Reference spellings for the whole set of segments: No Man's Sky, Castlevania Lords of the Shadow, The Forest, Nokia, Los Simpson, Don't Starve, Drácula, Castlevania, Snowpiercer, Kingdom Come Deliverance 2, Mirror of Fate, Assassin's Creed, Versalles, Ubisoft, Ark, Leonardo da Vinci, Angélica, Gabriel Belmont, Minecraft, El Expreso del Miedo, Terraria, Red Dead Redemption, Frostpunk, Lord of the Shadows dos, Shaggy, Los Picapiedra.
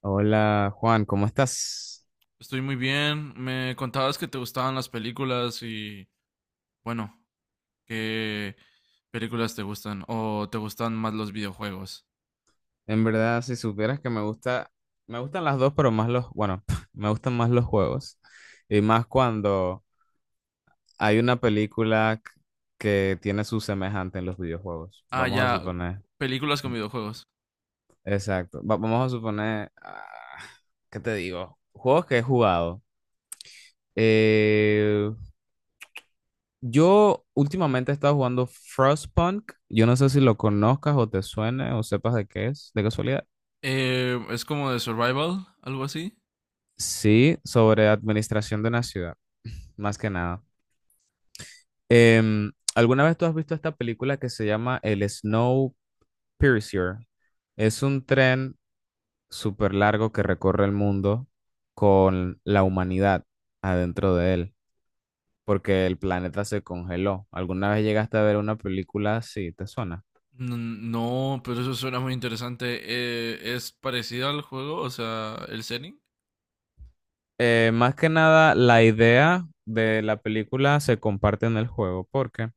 Hola Juan, ¿cómo estás? Estoy muy bien. Me contabas que te gustaban las películas y, bueno, ¿qué películas te gustan? ¿O te gustan más los videojuegos? En verdad, si supieras que me gusta, me gustan las dos, pero más los, bueno, me gustan más los juegos. Y más cuando hay una película que tiene su semejante en los videojuegos. Ah, Vamos a ya, suponer, películas con videojuegos. exacto. Vamos a suponer, ¿qué te digo? Juegos que he jugado. Eh, yo últimamente he estado jugando Frostpunk. Yo no sé si lo conozcas o te suene o sepas de qué es, de casualidad. Es como de survival, algo así. Sí, sobre administración de una ciudad, más que nada. ¿Alguna vez tú has visto esta película que se llama El Snowpiercer? Es un tren súper largo que recorre el mundo con la humanidad adentro de él, porque el planeta se congeló. ¿Alguna vez llegaste a ver una película así? ¿Te suena? No, pero eso suena muy interesante. ¿Es parecido al juego? O sea, el setting. Más que nada, la idea de la película se comparte en el juego, porque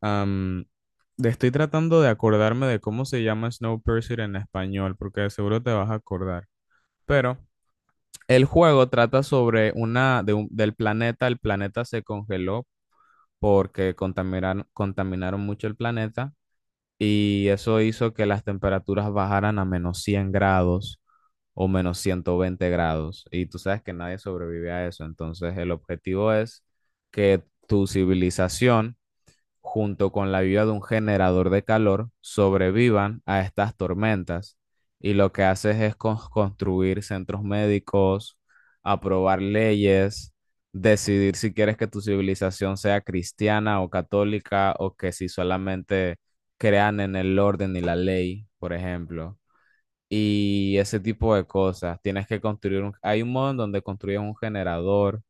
Am, estoy tratando de acordarme de cómo se llama Snowpiercer en español, porque de seguro te vas a acordar. Pero el juego trata sobre una del planeta. El planeta se congeló porque contaminaron mucho el planeta y eso hizo que las temperaturas bajaran a -100 grados o -120 grados. Y tú sabes que nadie sobrevive a eso. Entonces el objetivo es que tu civilización junto con la ayuda de un generador de calor, sobrevivan a estas tormentas. Y lo que haces es construir centros médicos, aprobar leyes, decidir si quieres que tu civilización sea cristiana o católica o que si solamente crean en el orden y la ley, por ejemplo. Y ese tipo de cosas. Tienes que construir un... Hay un modo en donde construyes un generador,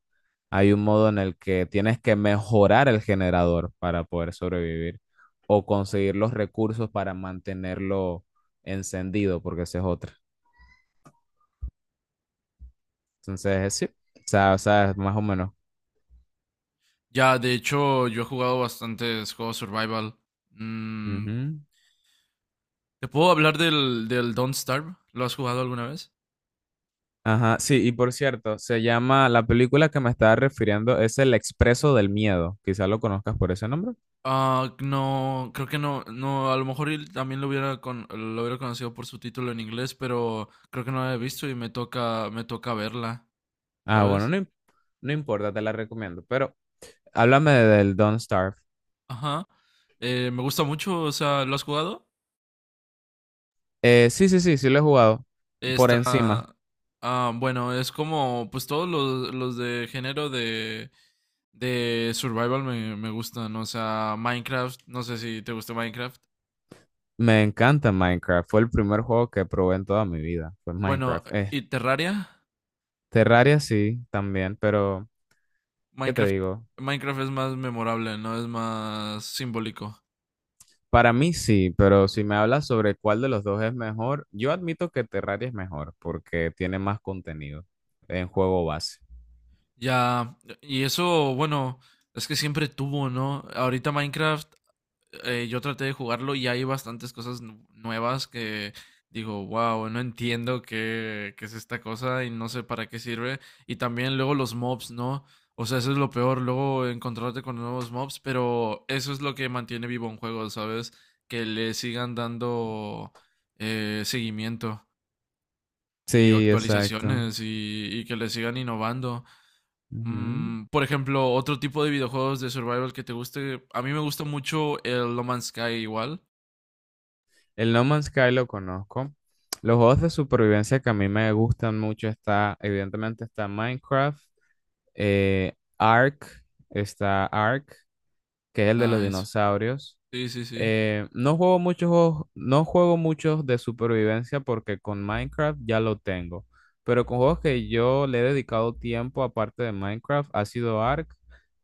hay un modo en el que tienes que mejorar el generador para poder sobrevivir o conseguir los recursos para mantenerlo encendido, porque esa es otra. Entonces, sí, o sea, es más o menos. Ya, de hecho, yo he jugado bastantes juegos survival. Mm, Ujú. ¿te puedo hablar del Don't Starve? ¿Lo has jugado alguna vez? Ajá, sí, y por cierto, se llama, la película que me estaba refiriendo es El Expreso del Miedo, quizás lo conozcas por ese nombre. Ah, no, creo que no, no, a lo mejor él también lo hubiera lo hubiera conocido por su título en inglés, pero creo que no la he visto y me toca verla, Ah, bueno, ¿sabes? no, no importa, te la recomiendo, pero háblame del Don't Starve. Ajá. Me gusta mucho, o sea, ¿lo has jugado? Sí, sí lo he jugado por Está, encima. Bueno, es como, pues todos los de género de survival me gustan, o sea, Minecraft, no sé si te gusta Minecraft. Me encanta Minecraft. Fue el primer juego que probé en toda mi vida. Fue Bueno, Minecraft. ¿Y Terraria? Terraria sí, también, pero ¿qué te Minecraft, digo? Minecraft es más memorable, ¿no? Es más simbólico. Para mí sí, pero si me hablas sobre cuál de los dos es mejor, yo admito que Terraria es mejor porque tiene más contenido en juego base. Ya, y eso, bueno, es que siempre tuvo, ¿no? Ahorita Minecraft, yo traté de jugarlo y hay bastantes cosas nuevas que digo, wow, no entiendo qué es esta cosa y no sé para qué sirve. Y también luego los mobs, ¿no? O sea, eso es lo peor, luego encontrarte con nuevos mobs, pero eso es lo que mantiene vivo un juego, ¿sabes? Que le sigan dando seguimiento y Sí, exacto. actualizaciones y que le sigan innovando. Ujú. Mm, por ejemplo, otro tipo de videojuegos de survival que te guste. A mí me gusta mucho el No Man's Sky igual. El No Man's Sky lo conozco. Los juegos de supervivencia que a mí me gustan mucho está, evidentemente está Minecraft, eh, Ark, está Ark, que es el de los Nice. dinosaurios. Sí, sí, sí. No juego muchos juegos, no juego muchos de supervivencia porque con Minecraft ya lo tengo. Pero con juegos que yo le he dedicado tiempo aparte de Minecraft ha sido Ark,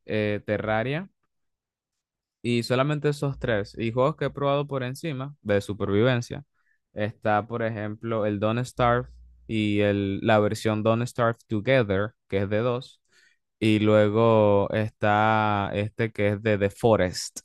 Terraria. Y solamente esos tres. Y juegos que he probado por encima de supervivencia. Está, por ejemplo, el Don't Starve y el, la versión Don't Starve Together, que es de dos. Y luego está este que es de The Forest.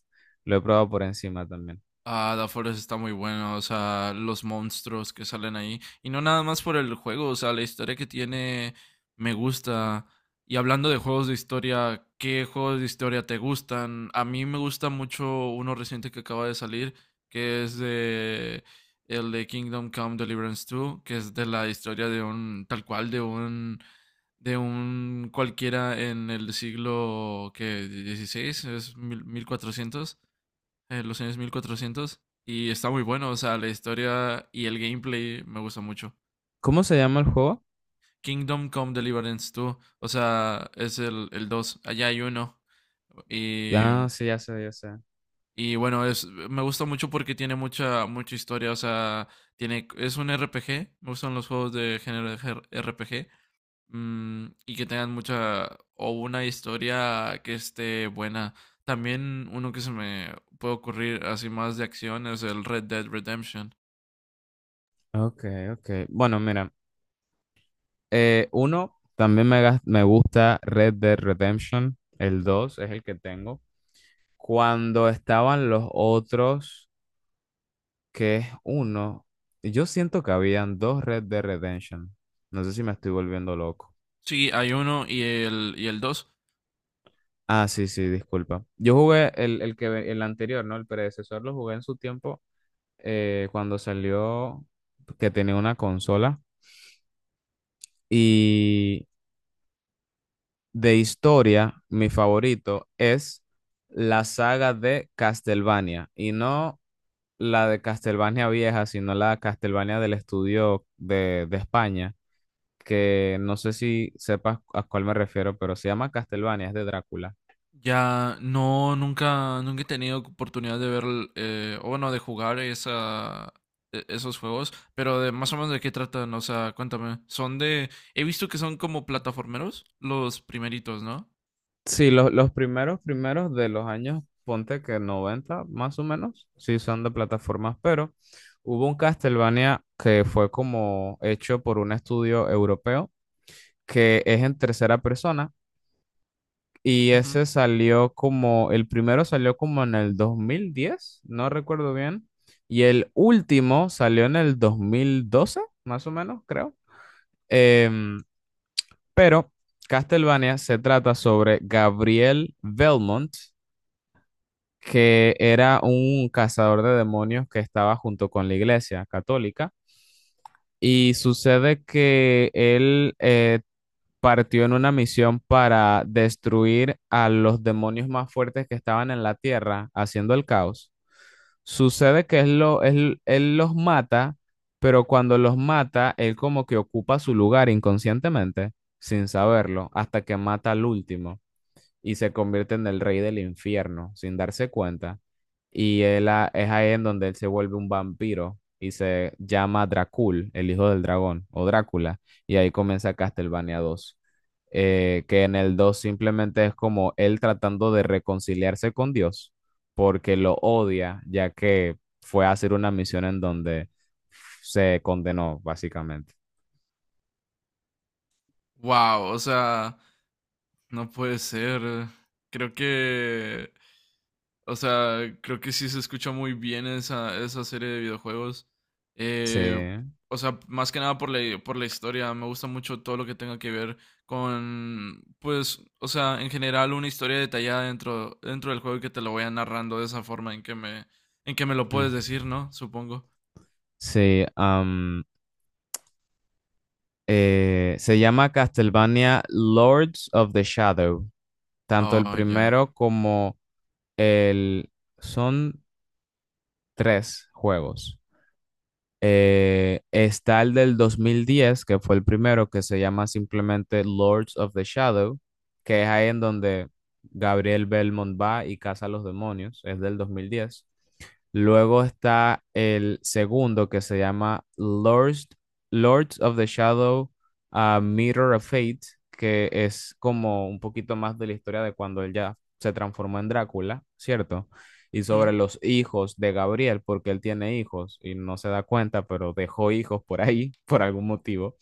Lo he probado por encima también. Ah, The Forest está muy bueno, o sea, los monstruos que salen ahí. Y no nada más por el juego, o sea, la historia que tiene me gusta. Y hablando de juegos de historia, ¿qué juegos de historia te gustan? A mí me gusta mucho uno reciente que acaba de salir, que es de Kingdom Come Deliverance 2, que es de la historia de un cualquiera en el siglo que 16, es 1400, los años 1400. Y está muy bueno, o sea, la historia y el gameplay me gusta mucho. ¿Cómo se llama el juego? Kingdom Come Deliverance 2, o sea, es el dos, allá hay uno. Y, Ah, sí, ya sé, ya sé. y bueno, es, me gusta mucho porque tiene mucha historia, o sea, tiene, es un RPG, me gustan los juegos de género de RPG, mmm, y que tengan mucha, o una historia que esté buena. También uno que se me puede ocurrir así más de acción es el Red Dead Redemption. Ok, ok. Bueno, mira. Uno, también me, me gusta Red Dead Redemption. El dos es el que tengo. Cuando estaban los otros, que es uno, yo siento que habían dos Red de Redemption. No sé si me estoy volviendo loco. Sí, hay uno y y el dos. Ah, sí, sí, disculpa. Yo jugué el que, el anterior, ¿no? El predecesor lo jugué en su tiempo, cuando salió, que tenía una consola. Y de historia, mi favorito es la saga de Castlevania. Y no la de Castlevania vieja, sino la Castlevania del estudio de España, que no sé si sepas a cuál me refiero, pero se llama Castlevania, es de Drácula. Ya no, nunca he tenido oportunidad de ver, o bueno, de jugar esa, esos juegos, pero de más o menos de qué tratan, o sea, cuéntame. Son de, he visto que son como plataformeros, los primeritos, ¿no? Sí, los, primeros de los años, ponte que 90 más o menos, sí son de plataformas, pero hubo un Castlevania que fue como hecho por un estudio europeo, que es en tercera persona. Y ese salió como, el primero salió como en el 2010, no recuerdo bien. Y el último salió en el 2012 más o menos, creo. Em, pero Castlevania se trata sobre Gabriel Belmont, que era un cazador de demonios que estaba junto con la iglesia católica. Y sucede que él, partió en una misión para destruir a los demonios más fuertes que estaban en la tierra, haciendo el caos. Sucede que él los mata, pero cuando los mata, él como que ocupa su lugar inconscientemente, sin saberlo, hasta que mata al último y se convierte en el rey del infierno sin darse cuenta. Y es ahí en donde él se vuelve un vampiro y se llama Dracul, el hijo del dragón, o Drácula, y ahí comienza Castlevania dos, que en el 2 simplemente es como él tratando de reconciliarse con Dios, porque lo odia, ya que fue a hacer una misión en donde se condenó, básicamente. Wow, o sea, no puede ser. Creo que, o sea, creo que sí se escucha muy bien esa serie de videojuegos. Sí. Eh, o sea, más que nada por por la historia. Me gusta mucho todo lo que tenga que ver con, pues, o sea, en general una historia detallada dentro del juego y que te lo vaya narrando de esa forma en que me lo Mm. puedes decir, ¿no? Supongo. Sí, se llama Castlevania Lords of the Shadow. Tanto el Oh, ya. primero como el... Son tres juegos. Está el del 2010, que fue el primero, que se llama simplemente Lords of the Shadow, que es ahí en donde Gabriel Belmont va y caza a los demonios. Es del 2010. Luego está el segundo que se llama Lords of the Shadow, Mirror of Fate, que es como un poquito más de la historia de cuando él ya se transformó en Drácula, ¿cierto? Y sobre los hijos de Gabriel, porque él tiene hijos y no se da cuenta, pero dejó hijos por ahí, por algún motivo.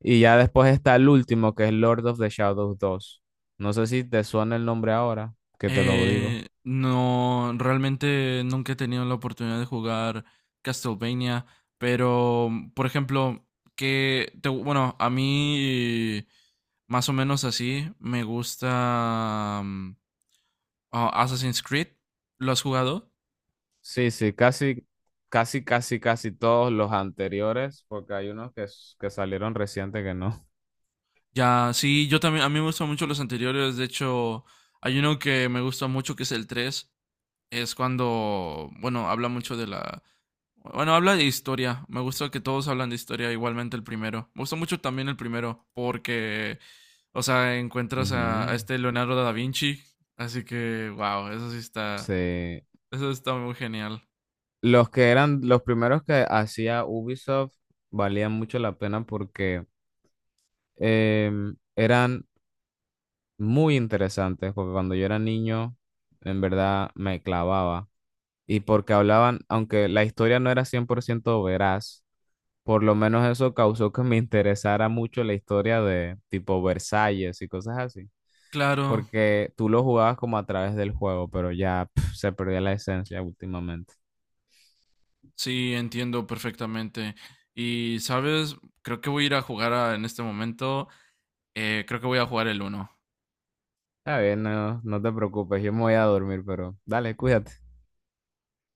Y ya después está el último, que es Lord of the Shadows dos. No sé si te suena el nombre ahora, que te lo digo. No, realmente nunca he tenido la oportunidad de jugar Castlevania, pero, mm, por ejemplo, bueno, a mí más o menos así me gusta Assassin's Creed. ¿Lo has jugado? Sí, sí, casi todos los anteriores, porque hay unos que, que salieron reciente que no. Ya, sí, yo también, a mí me gustan mucho los anteriores, de hecho, hay uno que me gusta mucho que es el tres, es cuando, bueno, habla mucho de la, bueno, habla de historia. Me gusta que todos hablan de historia, igualmente el primero. Me gustó mucho también el primero, porque, o sea, encuentras a Ujú. este Leonardo da Vinci. Así que, wow, eso sí está, Sí. eso está muy genial. Los que eran los primeros que hacía Ubisoft valían mucho la pena porque eran muy interesantes, porque cuando yo era niño, en verdad me clavaba. Y porque hablaban, aunque la historia no era 100% veraz, por lo menos eso causó que me interesara mucho la historia de tipo Versalles y cosas así. Claro, Porque tú lo jugabas como a través del juego, pero ya pf, se perdió la esencia últimamente. sí, entiendo perfectamente. Y, ¿sabes? Creo que voy a ir a jugar en este momento. Creo que voy a jugar el uno. Está bien, no, no te preocupes, yo me voy a dormir, pero dale, cuídate.